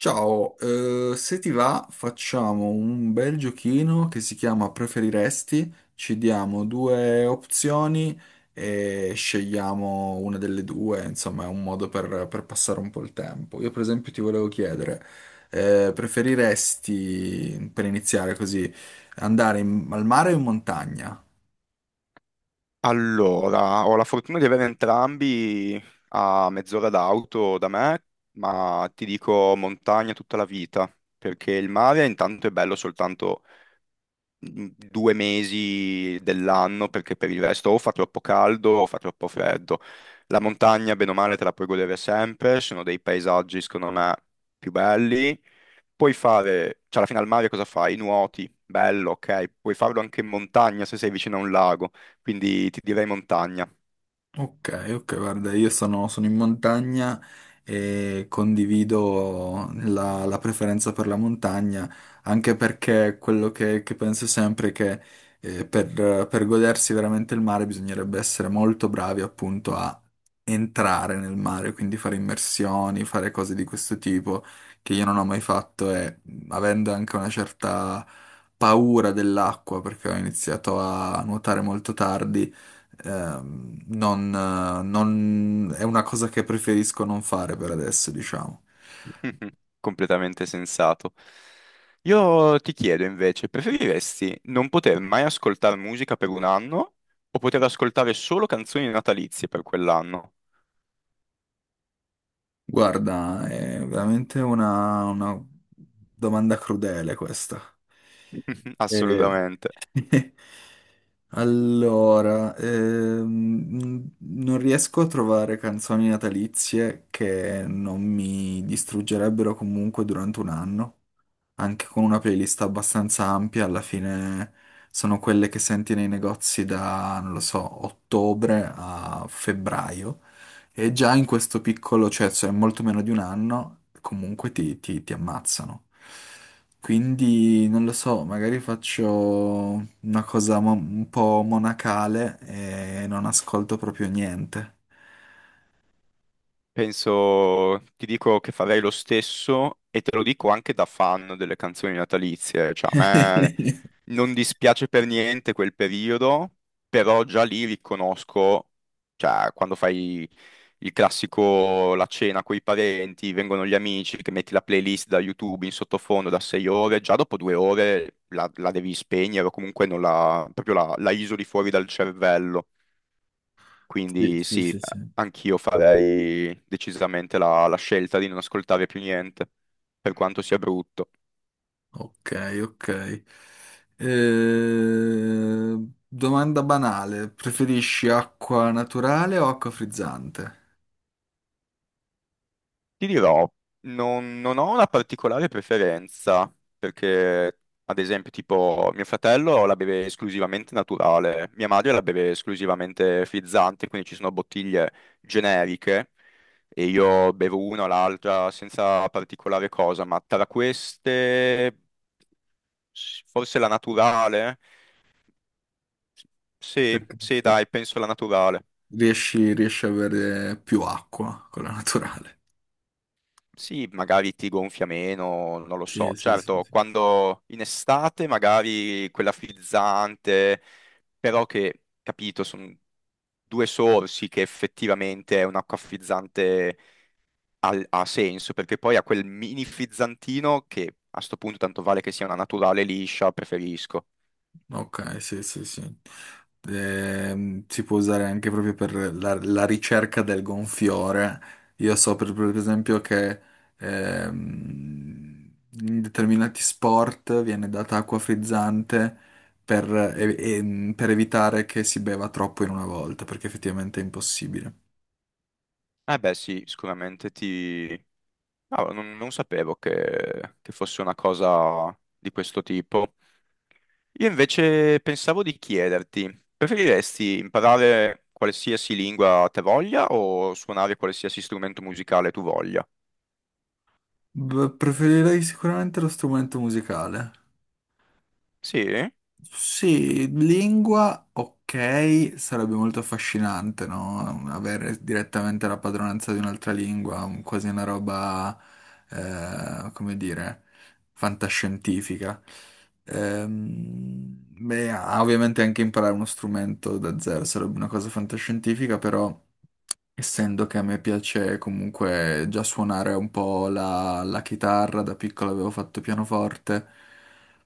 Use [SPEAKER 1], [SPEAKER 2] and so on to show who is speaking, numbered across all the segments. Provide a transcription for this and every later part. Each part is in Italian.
[SPEAKER 1] Ciao. Se ti va facciamo un bel giochino che si chiama Preferiresti, ci diamo due opzioni e scegliamo una delle due, insomma è un modo per passare un po' il tempo. Io per esempio ti volevo chiedere, preferiresti, per iniziare così, al mare o in montagna?
[SPEAKER 2] Allora, ho la fortuna di avere entrambi a mezz'ora d'auto da me, ma ti dico montagna tutta la vita, perché il mare intanto è bello soltanto 2 mesi dell'anno, perché per il resto o fa troppo caldo o fa troppo freddo. La montagna, bene o male, te la puoi godere sempre, sono dei paesaggi, secondo me, più belli. Puoi fare, cioè alla fine al mare cosa fai? Nuoti, bello, ok, puoi farlo anche in montagna se sei vicino a un lago, quindi ti direi montagna.
[SPEAKER 1] Ok, ok, guarda, io sono in montagna e condivido la preferenza per la montagna, anche perché quello che penso sempre è che per godersi veramente il mare bisognerebbe essere molto bravi appunto a entrare nel mare, quindi fare immersioni, fare cose di questo tipo che io non ho mai fatto e avendo anche una certa paura dell'acqua perché ho iniziato a nuotare molto tardi. È una cosa che preferisco non fare per adesso, diciamo.
[SPEAKER 2] Mhm. Completamente sensato. Io ti chiedo invece, preferiresti non poter mai ascoltare musica per un anno o poter ascoltare solo canzoni natalizie per quell'anno?
[SPEAKER 1] Guarda, è veramente una domanda crudele questa. Eh,
[SPEAKER 2] Assolutamente.
[SPEAKER 1] Allora, non riesco a trovare canzoni natalizie che non mi distruggerebbero comunque durante un anno, anche con una playlist abbastanza ampia. Alla fine sono quelle che senti nei negozi da, non lo so, ottobre a febbraio. E già in questo piccolo, cioè molto meno di un anno, comunque ti ammazzano. Quindi non lo so, magari faccio una cosa un po' monacale e non ascolto proprio niente.
[SPEAKER 2] Penso, ti dico che farei lo stesso e te lo dico anche da fan delle canzoni natalizie, cioè a me non dispiace per niente quel periodo, però già lì riconosco, cioè quando fai il classico la cena con i parenti, vengono gli amici, che metti la playlist da YouTube in sottofondo da 6 ore, già dopo 2 ore la devi spegnere o comunque non la, proprio la isoli fuori dal cervello.
[SPEAKER 1] Sì,
[SPEAKER 2] Quindi
[SPEAKER 1] sì,
[SPEAKER 2] sì,
[SPEAKER 1] sì, sì.
[SPEAKER 2] anch'io farei decisamente la scelta di non ascoltare più niente, per quanto sia brutto.
[SPEAKER 1] Ok, ok. Eh, domanda banale, preferisci acqua naturale o acqua frizzante?
[SPEAKER 2] Ti dirò, non ho una particolare preferenza, perché ad esempio tipo mio fratello la beve esclusivamente naturale, mia madre la beve esclusivamente frizzante, quindi ci sono bottiglie generiche e io bevo una o l'altra senza particolare cosa, ma tra queste forse la naturale. Sì,
[SPEAKER 1] Perché
[SPEAKER 2] sì, dai, penso la naturale.
[SPEAKER 1] riesci a avere più acqua con la naturale.
[SPEAKER 2] Sì, magari ti gonfia meno, non lo
[SPEAKER 1] Sì,
[SPEAKER 2] so.
[SPEAKER 1] sì, sì,
[SPEAKER 2] Certo,
[SPEAKER 1] sì.
[SPEAKER 2] quando in estate magari quella frizzante, però che, capito, sono due sorsi che effettivamente è un'acqua frizzante ha senso, perché poi ha quel mini frizzantino che a sto punto tanto vale che sia una naturale liscia, preferisco.
[SPEAKER 1] Ok, sì, sì, sì. Si può usare anche proprio per la ricerca del gonfiore. Io so per esempio che ehm, in determinati sport viene data acqua frizzante per, per evitare che si beva troppo in una volta, perché effettivamente è impossibile.
[SPEAKER 2] Eh beh, sì, sicuramente ti... Ah, non sapevo che fosse una cosa di questo tipo. Io invece pensavo di chiederti, preferiresti imparare qualsiasi lingua te voglia o suonare qualsiasi strumento musicale tu voglia?
[SPEAKER 1] Beh, preferirei sicuramente lo strumento musicale.
[SPEAKER 2] Sì?
[SPEAKER 1] Sì, lingua, ok, sarebbe molto affascinante, no? Avere direttamente la padronanza di un'altra lingua, quasi una roba, come dire, fantascientifica. Beh, ovviamente anche imparare uno strumento da zero sarebbe una cosa fantascientifica, però... essendo che a me piace comunque già suonare un po' la chitarra, da piccolo avevo fatto pianoforte,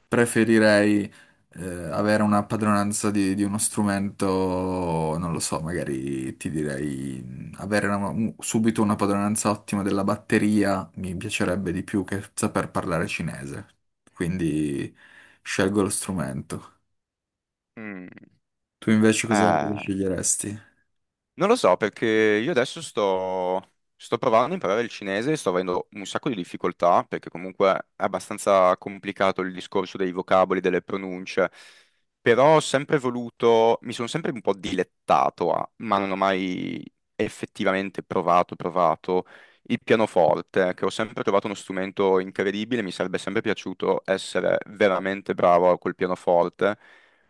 [SPEAKER 1] preferirei eh, avere una padronanza di uno strumento, non lo so, magari ti direi avere subito una padronanza ottima della batteria mi piacerebbe di più che saper parlare cinese, quindi scelgo lo strumento.
[SPEAKER 2] Mm,
[SPEAKER 1] Tu invece cosa
[SPEAKER 2] eh,
[SPEAKER 1] sceglieresti?
[SPEAKER 2] Non lo so perché io adesso sto provando a imparare il cinese e sto avendo un sacco di difficoltà perché comunque è abbastanza complicato il discorso dei vocaboli, delle pronunce, però ho sempre voluto, mi sono sempre un po' dilettato a, ma non ho mai effettivamente provato il pianoforte, che ho sempre trovato uno strumento incredibile, mi sarebbe sempre piaciuto essere veramente bravo col pianoforte,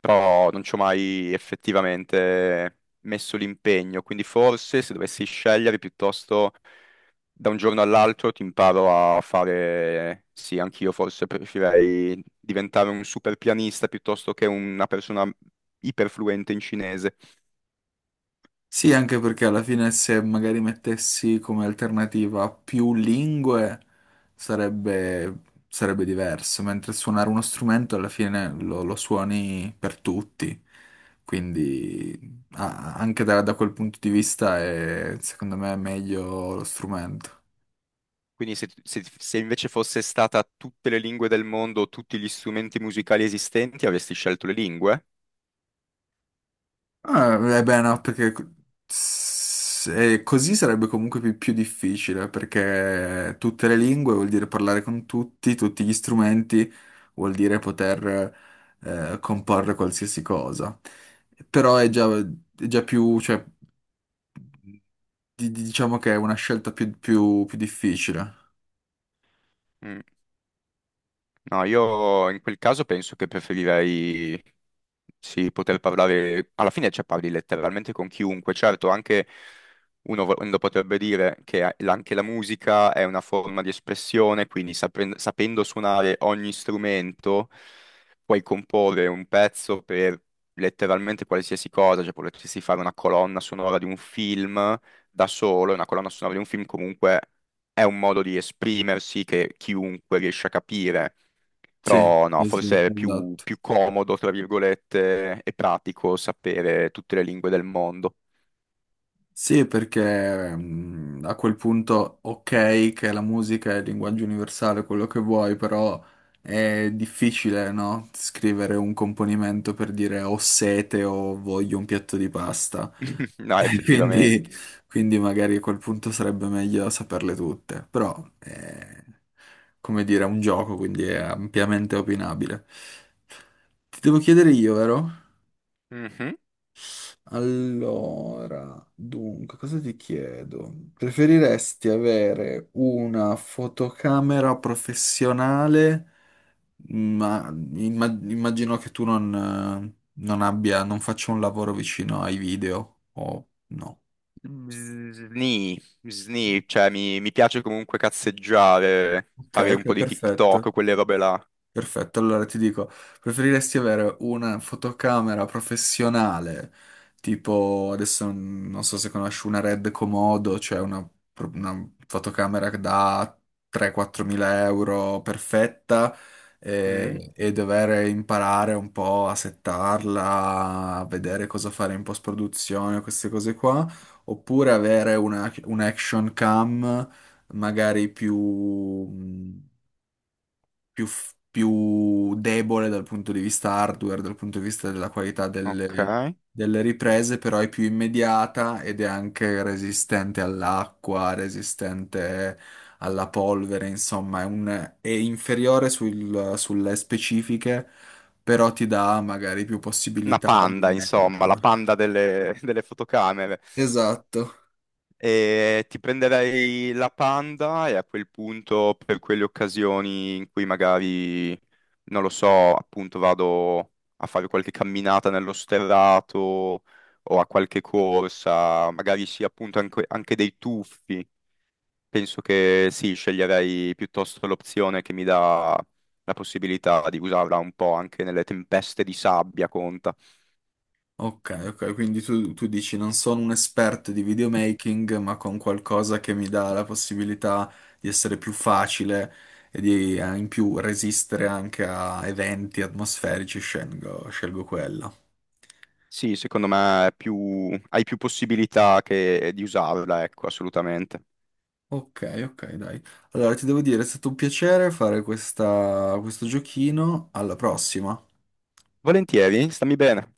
[SPEAKER 2] però non ci ho mai effettivamente messo l'impegno, quindi forse se dovessi scegliere piuttosto da un giorno all'altro ti imparo a fare, sì, anch'io forse preferirei diventare un super pianista piuttosto che una persona iperfluente in cinese.
[SPEAKER 1] Sì, anche perché alla fine se magari mettessi come alternativa più lingue sarebbe, sarebbe diverso, mentre suonare uno strumento alla fine lo suoni per tutti, quindi ah, anche da quel punto di vista è secondo me meglio lo strumento.
[SPEAKER 2] Quindi se invece fosse stata tutte le lingue del mondo, tutti gli strumenti musicali esistenti, avresti scelto le lingue?
[SPEAKER 1] Ah, eh beh, no, perché così sarebbe comunque più, più difficile, perché tutte le lingue vuol dire parlare con tutti, tutti gli strumenti, vuol dire poter comporre qualsiasi cosa. Però è già più, cioè, diciamo che è una scelta più, più difficile.
[SPEAKER 2] Mm. No, io in quel caso penso che preferirei sì, poter parlare, alla fine cioè, parli letteralmente con chiunque, certo, anche uno, uno potrebbe dire che anche la musica è una forma di espressione, quindi sapendo suonare ogni strumento puoi comporre un pezzo per letteralmente qualsiasi cosa, cioè potresti fare una colonna sonora di un film da solo, e una colonna sonora di un film comunque è un modo di esprimersi che chiunque riesce a capire.
[SPEAKER 1] Sì,
[SPEAKER 2] Però no,
[SPEAKER 1] sì, sì,
[SPEAKER 2] forse è più,
[SPEAKER 1] esatto.
[SPEAKER 2] più comodo, tra virgolette, e pratico sapere tutte le lingue del mondo.
[SPEAKER 1] Sì, perché mm, a quel punto, ok, che la musica è il linguaggio universale, quello che vuoi, però è difficile, no? Scrivere un componimento per dire ho sete o voglio un piatto di pasta.
[SPEAKER 2] No,
[SPEAKER 1] E quindi,
[SPEAKER 2] effettivamente.
[SPEAKER 1] quindi magari a quel punto sarebbe meglio saperle tutte. Però è, come dire, è un gioco, quindi è ampiamente opinabile. Ti devo chiedere io, vero?
[SPEAKER 2] Mhm.
[SPEAKER 1] Allora, dunque, cosa ti chiedo? Preferiresti avere una fotocamera professionale, ma immagino che tu non, non abbia, non faccia un lavoro vicino ai video, o no?
[SPEAKER 2] Sni, sni, cioè mi piace comunque cazzeggiare,
[SPEAKER 1] Ok,
[SPEAKER 2] fare un
[SPEAKER 1] ok,
[SPEAKER 2] po' di
[SPEAKER 1] perfetto.
[SPEAKER 2] TikTok, quelle robe là.
[SPEAKER 1] Perfetto, allora ti dico, preferiresti avere una fotocamera professionale, tipo adesso mm, non so se conosci una Red Komodo, cioè una, una fotocamera da 3-4 mila euro perfetta
[SPEAKER 2] Mm,
[SPEAKER 1] e dover imparare un po' a settarla, a vedere cosa fare in post-produzione, queste cose qua, oppure avere una, un action cam magari più... mm, più, più debole dal punto di vista hardware, dal punto di vista della qualità delle,
[SPEAKER 2] ok.
[SPEAKER 1] delle riprese, però è più immediata ed è anche resistente all'acqua, resistente alla polvere, insomma, è, è inferiore sulle specifiche, però ti dà magari più
[SPEAKER 2] Una
[SPEAKER 1] possibilità di
[SPEAKER 2] panda, insomma, la
[SPEAKER 1] immergerlo.
[SPEAKER 2] panda delle fotocamere.
[SPEAKER 1] Esatto.
[SPEAKER 2] E ti prenderei la Panda e a quel punto, per quelle occasioni in cui magari, non lo so, appunto vado a fare qualche camminata nello sterrato o a qualche corsa, magari sì, appunto anche dei tuffi. Penso che sì, sceglierei piuttosto l'opzione che mi dà la possibilità di usarla un po' anche nelle tempeste di sabbia, conta.
[SPEAKER 1] Ok, ok, quindi tu dici non sono un esperto di videomaking, ma con qualcosa che mi dà la possibilità di essere più facile e di in più resistere anche a eventi atmosferici, scelgo, scelgo quella.
[SPEAKER 2] Sì, secondo me è hai più possibilità di usarla, ecco, assolutamente.
[SPEAKER 1] Ok, ok, dai. Allora ti devo dire, è stato un piacere fare questo giochino. Alla prossima.
[SPEAKER 2] Volentieri, stammi bene.